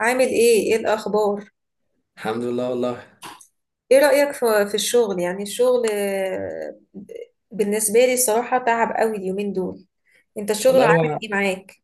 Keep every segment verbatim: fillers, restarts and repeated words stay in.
عامل ايه؟ ايه الاخبار؟ الحمد لله، والله. ايه رأيك في في الشغل، يعني الشغل، آه، بالنسبة لي الصراحة، تعب قوي اليومين دول. انت الشغل والله عامل هو ايه معاك؟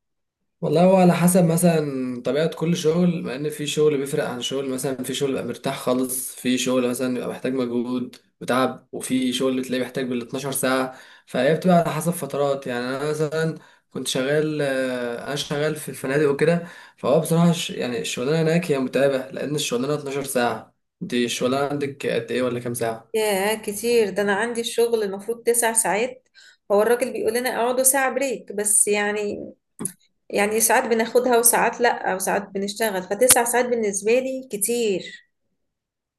والله هو على حسب مثلا طبيعة كل شغل، مع ان في شغل بيفرق عن شغل. مثلا في شغل بيبقى مرتاح خالص، في شغل مثلا بيبقى محتاج مجهود وتعب، وفي شغل تلاقيه محتاج بال اتناشر ساعة. فهي بتبقى على حسب فترات. يعني انا مثلا كنت شغال، آه، انا شغال في الفنادق وكده. فهو بصراحة ش- يعني الشغلانة هناك هي متعبة، لان الشغلانة اتناشر ساعة. دي الشغلانة عندك قد ايه، ولا كام ساعة؟ ياه كتير! ده انا عندي الشغل المفروض تسع ساعات. هو الراجل بيقول لنا اقعدوا ساعة بريك بس يعني، يعني ساعات بناخدها وساعات لا وساعات بنشتغل، فتسع ساعات بالنسبة لي كتير.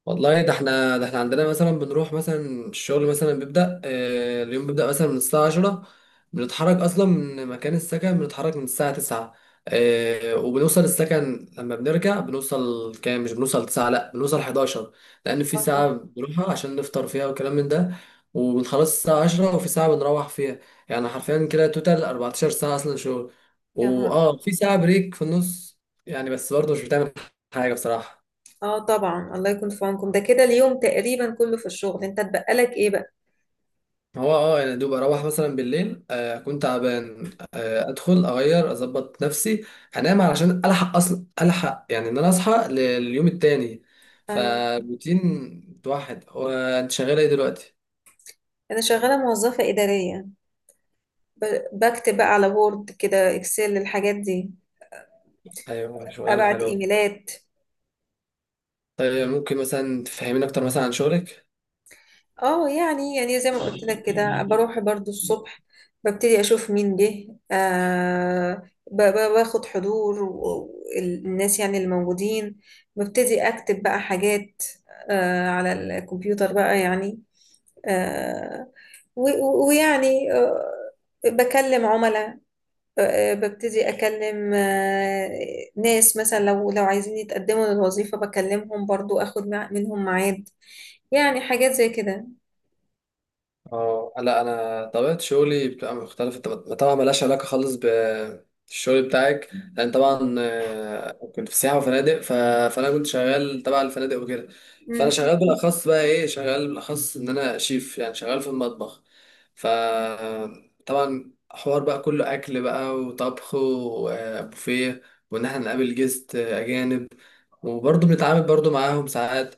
والله ده احنا ده احنا عندنا مثلا بنروح، مثلا الشغل مثلا بيبدأ، آه، اليوم بيبدأ مثلا من الساعة عشرة، بنتحرك أصلا من مكان السكن، بنتحرك من الساعة تسعة. آه، وبنوصل السكن لما بنرجع بنوصل كام؟ مش بنوصل تسعة، لا بنوصل حداشر، لأن في اه، ساعة طب. بنروحها عشان نفطر فيها والكلام من ده، وبنخلص الساعة عشرة، وفي ساعة بنروح فيها. يعني حرفيا كده توتال أربعة عشر ساعة أصلا شغل، يا نهار! وآه في ساعة بريك في النص، يعني بس برضه مش بتعمل حاجة بصراحة. اه طبعا، الله يكون في عونكم. ده كده اليوم تقريبا كله في الشغل، انت اتبقى لك ايه بقى؟ هو اه يعني دوب اروح مثلا بالليل، آه اكون تعبان، آه ادخل اغير اظبط نفسي انام علشان الحق، اصلا الحق يعني ان انا اصحى لليوم التاني. ايوه. فروتين واحد. هو انت شغاله ايه دلوقتي؟ انا شغالة موظفة إدارية. ب- بكتب بقى على وورد، كده اكسل، الحاجات دي. ايوه، شغلانه ابعت حلوه. ايميلات. طيب ممكن مثلا تفهمين اكتر مثلا عن شغلك؟ اه، يعني يعني زي ما قلت لك كده بروح برضو الصبح. ببتدي اشوف مين جه آه ب- ب- باخد حضور و- الناس يعني اللي موجودين. ببتدي اكتب بقى حاجات آه على الكمبيوتر بقى يعني. آه و- و- ويعني آه بكلم عملاء. آه، ببتدي أكلم آه، ناس مثلا لو لو عايزين يتقدموا للوظيفة، بكلمهم برضو أخد مع- منهم ميعاد. يعني حاجات زي كده. اه لا، انا طبيعه شغلي بتبقى مختلفه، طب- طبعا ملهاش علاقه خالص بالشغل بتاعك. لان طبعا، آه، كنت في سياحه وفنادق ف... فانا كنت شغال تبع الفنادق وكده. فانا مم. شغال بالاخص، بقى ايه، شغال بالاخص ان انا شيف، يعني شغال في المطبخ. ف طبعا حوار بقى كله اكل بقى وطبخ وبوفيه، وان احنا نقابل جست اجانب، وبرضه بنتعامل برضه معاهم ساعات.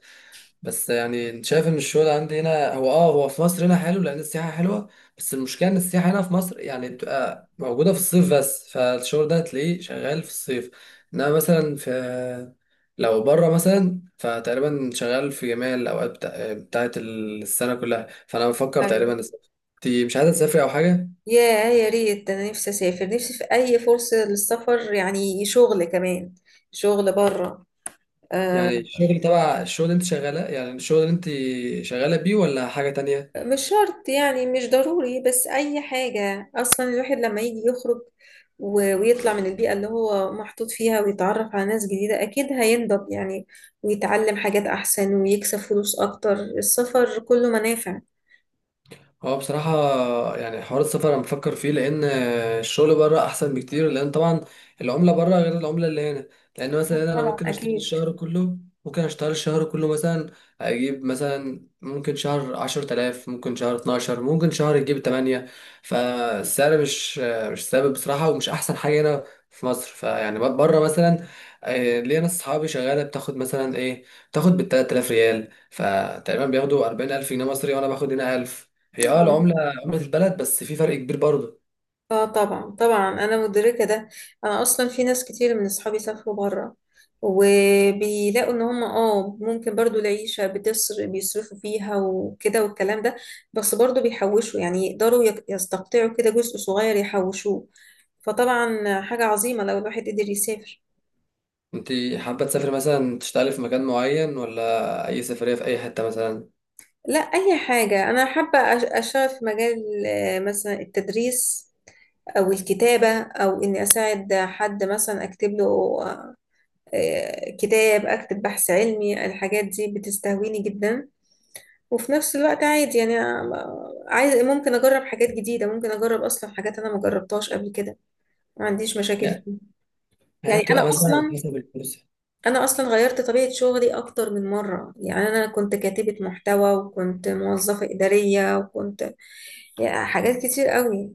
بس يعني انت شايف ان الشغل عندي هنا هو اه هو في مصر هنا حلو، لان السياحه حلوه. بس المشكله ان السياحه هنا في مصر يعني بتبقى موجوده في الصيف بس، فالشغل ده هتلاقيه شغال في الصيف. انما مثلا في، لو بره مثلا، فتقريبا شغال في جميع الاوقات بتاع... بتاعت السنه كلها. فانا بفكر أيوة. تقريبا اسافر. انت مش عايزه تسافري او حاجه؟ يا يا ريت، ده أنا نفسي أسافر، نفسي في أي فرصة للسفر، يعني شغل كمان، شغل بره. يعني الشغل تبع، الشغل اللي انت شغاله، يعني الشغل اللي انت شغاله بيه، ولا حاجه تانية؟ مش شرط يعني، مش ضروري، بس أي حاجة. أصلا الواحد لما يجي يخرج و- ويطلع من البيئة اللي هو محطوط فيها، ويتعرف على ناس جديدة أكيد هينضب يعني، ويتعلم حاجات أحسن ويكسب فلوس أكتر. السفر كله منافع. هو بصراحة يعني حوار السفر أنا بفكر فيه، لأن الشغل بره أحسن بكتير، لأن طبعا العملة بره غير العملة اللي هنا. لأن مثلا هنا أنا طبعا ممكن أشتغل أكيد. الشهر كله ممكن أشتغل الشهر كله مثلا، أجيب مثلا، ممكن شهر عشرة آلاف، ممكن شهر اتناشر، ممكن شهر يجيب تمانية. فالسعر مش مش ثابت بصراحة، ومش أحسن حاجة هنا في مصر. فيعني بره مثلا، آه، ليا ناس صحابي شغالة بتاخد مثلا إيه، بتاخد بالتلات آلاف ريال، فتقريبا بياخدوا أربعين ألف جنيه مصري، وأنا باخد هنا ألف. هي اه العملة، عملة البلد، بس في فرق كبير برضه. اه طبعا طبعا، انا مدركه ده. انا اصلا في ناس كتير من اصحابي سافروا بره، وبيلاقوا ان هم اه ممكن برضو العيشه بتصر بيصرفوا فيها وكده والكلام ده. بس برضو بيحوشوا، يعني يقدروا يك- يستقطعوا كده جزء صغير يحوشوه. فطبعا حاجه عظيمه لو الواحد قدر يسافر. انت حابة تسافر مثلا تشتغلي في مكان معين، ولا أي سفرية في أي حتة مثلا؟ لا، اي حاجه، انا حابه أش- اشتغل في مجال، آه، مثلا التدريس، او الكتابه، او اني اساعد حد مثلا اكتب له آه، كتاب، أكتب بحث علمي. الحاجات دي بتستهويني جدا، وفي نفس الوقت عادي. يعني أنا- عايز، ممكن أجرب حاجات جديدة، ممكن أجرب أصلا حاجات أنا ما جربتهاش قبل كده، ما عنديش مشاكل لا، فيها. هي يعني أنا بتبقى مثلا على أصلا حسب الفرصة. أنا أصلا غيرت طبيعة شغلي أكتر من مرة، يعني أنا كنت كاتبة محتوى وكنت موظفة إدارية وكنت، يعني حاجات كتير قوي.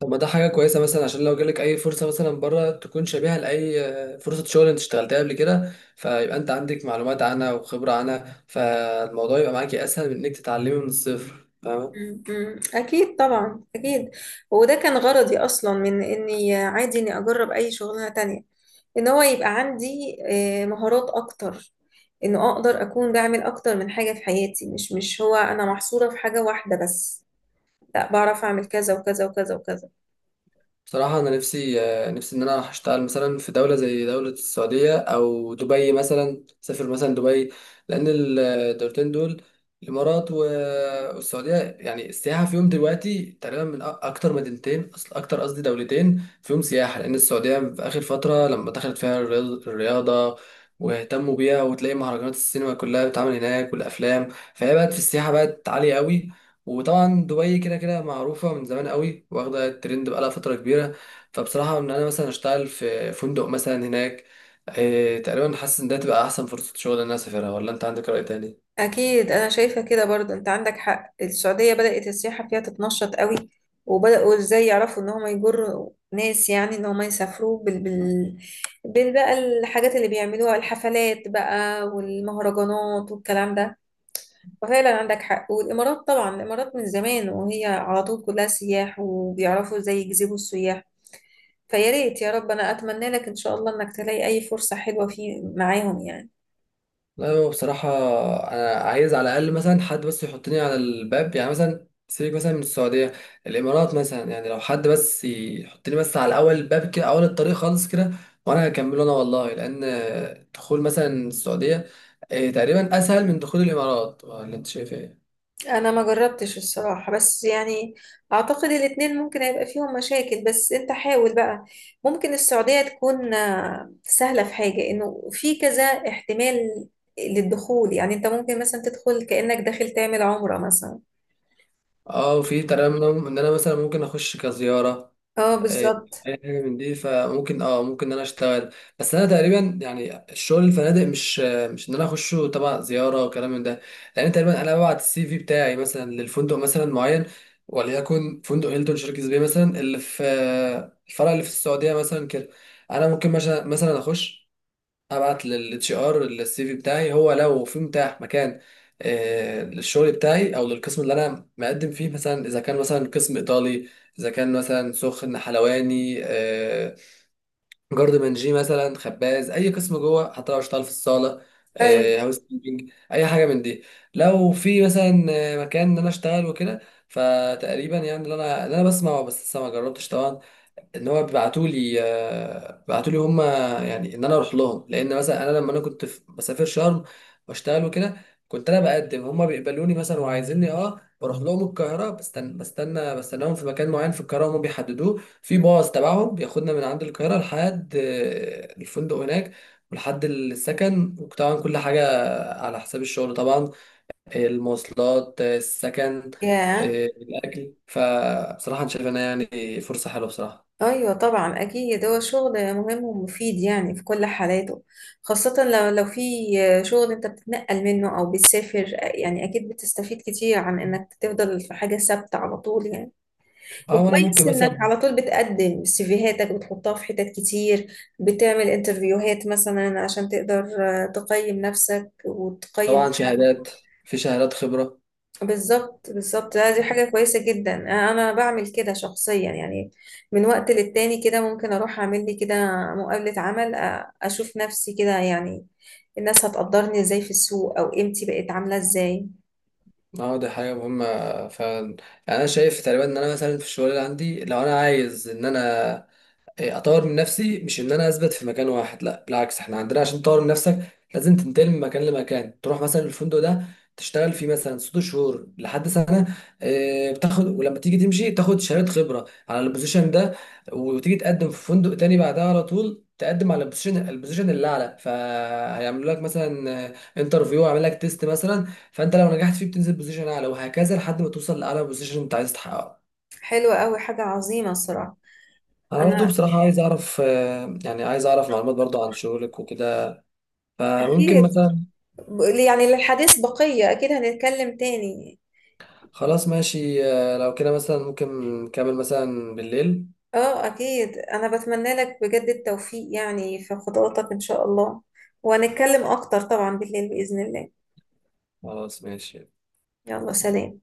طب ما ده حاجة كويسة، مثلا عشان لو جالك أي فرصة مثلا بره تكون شبيهة لأي، آه، فرصة شغل انت اشتغلتها قبل كده، فيبقى انت عندك معلومات عنها وخبرة عنها، فالموضوع يبقى معاكي أسهل من انك تتعلمي من الصفر، فاهمة؟ م- م. أكيد، طبعا أكيد. وده كان غرضي أصلا، من إني عادي إني أجرب أي شغلانة تانية، إن هو يبقى عندي آه، مهارات أكتر، إنه أقدر أكون بعمل أكتر من حاجة في حياتي، مش مش هو أنا محصورة في حاجة واحدة بس. لا، بعرف أعمل كذا وكذا وكذا وكذا. بصراحة أنا نفسي، آه، نفسي إن أنا أشتغل مثلا في دولة زي دولة السعودية أو دبي، مثلا أسافر مثلا دبي. لأن ال- الدولتين دول، الإمارات و- والسعودية، يعني السياحة فيهم دلوقتي تقريبا من أ- أكتر مدينتين، أصل أكتر، قصدي دولتين فيهم سياحة. لأن السعودية في آخر فترة لما دخلت فيها الرياض- الرياضة واهتموا بيها، وتلاقي مهرجانات السينما كلها بتتعمل هناك والأفلام، فهي بقت في السياحة، بقت عالية قوي. وطبعا دبي كده كده معروفة من زمان قوي، واخدة الترند بقالها فترة كبيرة. فبصراحة إن أنا مثلا أشتغل في فندق مثلا هناك، إيه، تقريبا حاسس إن ده تبقى أحسن فرصة شغل إن أنا أسافرها، ولا أنت عندك رأي تاني؟ أكيد أنا شايفة كده برضه، أنت عندك حق. السعودية بدأت السياحة فيها تتنشط قوي، وبدأوا إزاي يعرفوا إن هم يجروا ناس، يعني إن هم يسافروا بال... بال... بال بقى، الحاجات اللي بيعملوها، الحفلات بقى والمهرجانات والكلام ده. ففعلا عندك حق. والإمارات طبعا، الإمارات من زمان وهي على طول كلها سياح، وبيعرفوا إزاي يجذبوا السياح. فيا ريت يا رب، أنا أتمنى لك إن شاء الله إنك تلاقي أي فرصة حلوة في معاهم، يعني. لا، هو بصراحة أنا عايز على الأقل مثلا حد بس يحطني على الباب، يعني مثلا سيبك مثلا من السعودية، الإمارات مثلا، يعني لو حد بس يحطني بس على أول الباب كده، أول الطريق خالص كده، وأنا هكمله أنا والله. لأن دخول مثلا السعودية، إيه، تقريبا أسهل من دخول الإمارات، ولا أنت شايف إيه؟ انا ما جربتش الصراحة، بس يعني، اعتقد الاتنين ممكن هيبقى فيهم مشاكل، بس انت حاول بقى. ممكن السعودية تكون آه، سهلة في حاجة، انه في كذا احتمال للدخول، يعني انت ممكن مثلا تدخل كأنك داخل تعمل عمرة مثلا. أه، وفي ترى إن أنا إن أنا مثلا ممكن أخش كزيارة، اه، إيه، بالظبط. اي حاجه من دي، فممكن اه ممكن ان انا اشتغل. بس انا تقريبا يعني الشغل الفنادق، مش مش ان انا اخشه تبع زياره وكلام من ده، لان تقريبا انا ببعت السي في بتاعي مثلا للفندق مثلا معين، وليكن فندق هيلتون، شركه بيه مثلا، اللي في آه، الفرع اللي في السعوديه مثلا كده. انا ممكن مثلا مثلا اخش، ابعت للاتش ار السي في بتاعي، هو لو في متاح مكان، آه، للشغل بتاعي او للقسم اللي انا مقدم فيه مثلا، اذا كان مثلا قسم ايطالي، اذا كان مثلا سخن حلواني، آه، جارد منجي مثلا، خباز، اي قسم جوه، حتى لو اشتغل في الصاله، آه، ايوه. هاوس كيبنج، اي حاجه من دي، لو في مثلا آه، مكان ان انا اشتغل وكده. فتقريبا يعني اللي انا اللي انا بسمع، بس لسه ما جربتش طبعا، ان هو بيبعتوا لي بيبعتوا لي هم، يعني ان انا اروح لهم. لان مثلا انا لما انا كنت في- بسافر شرم واشتغل وكده، كنت انا بقدم هم بيقبلوني مثلا وعايزيني، اه بروح لهم القاهره، بستنى بستنى بستناهم في مكان معين في القاهره، هم بيحددوه، في باص تبعهم بياخدنا من عند القاهره لحد آه، الفندق هناك، ولحد السكن، وطبعا كل حاجه على حساب الشغل طبعا، المواصلات، آه، السكن، ياه. آه، الاكل. فبصراحه انا شايف انها يعني فرصه حلوه بصراحه. ايوه طبعا، اكيد هو شغل مهم ومفيد يعني في كل حالاته، خاصة لو لو في شغل انت بتتنقل منه او بتسافر. يعني اكيد بتستفيد كتير عن انك تفضل في حاجة ثابتة على طول، يعني. اه وانا ممكن وكويس انك مثلا. على طول بتقدم سيفيهاتك، بتحطها في حتت كتير، بتعمل انترفيوهات مثلا عشان تقدر تقيم نفسك وتقيم. طبعا شهادات، في شهادات خبره بالظبط، بالظبط. لا، دي يعني. حاجة كويسة جدا، أنا أنا بعمل كده شخصيا يعني. من وقت للتاني كده ممكن أروح أعمل لي كده مقابلة عمل، أ- أشوف نفسي كده يعني، الناس هتقدرني إزاي في السوق، أو قيمتي بقت عاملة إزاي. اه دي حاجه مهمه فعلا. يعني انا شايف تقريبا ان انا مثلا في الشغل اللي عندي، لو انا عايز ان انا، إيه، اطور من نفسي، مش ان انا اثبت في مكان واحد، لا بالعكس، احنا عندنا عشان تطور من نفسك لازم تنتقل من مكان لمكان. تروح مثلا الفندق ده تشتغل فيه مثلا ست شهور لحد سنه، آه، بتاخد، ولما تيجي تمشي تاخد شهاده خبره على البوزيشن ده، وتيجي تقدم في فندق تاني بعدها على طول، تقدم على البوزيشن البوزيشن اللي اعلى، فهيعملوا لك مثلا انترفيو، يعمل لك تيست مثلا، فانت لو نجحت فيه بتنزل بوزيشن اعلى، وهكذا لحد ما توصل لاعلى بوزيشن انت عايز تحققه. حلوة أوي، حاجة عظيمة الصراحة. انا برضو أنا بصراحة عايز اعرف، آه، يعني عايز اعرف معلومات برضو عن شغلك وكده، فممكن أكيد، مثلا. ب- يعني للحديث بقية، أكيد هنتكلم تاني. خلاص ماشي، آه، لو كده مثلا ممكن نكمل مثلا بالليل. أه أكيد، أنا بتمنى لك بجد التوفيق يعني في خطواتك إن شاء الله، وهنتكلم أكتر طبعا بالليل بإذن الله. خلاص ماشي. يلا، سلام.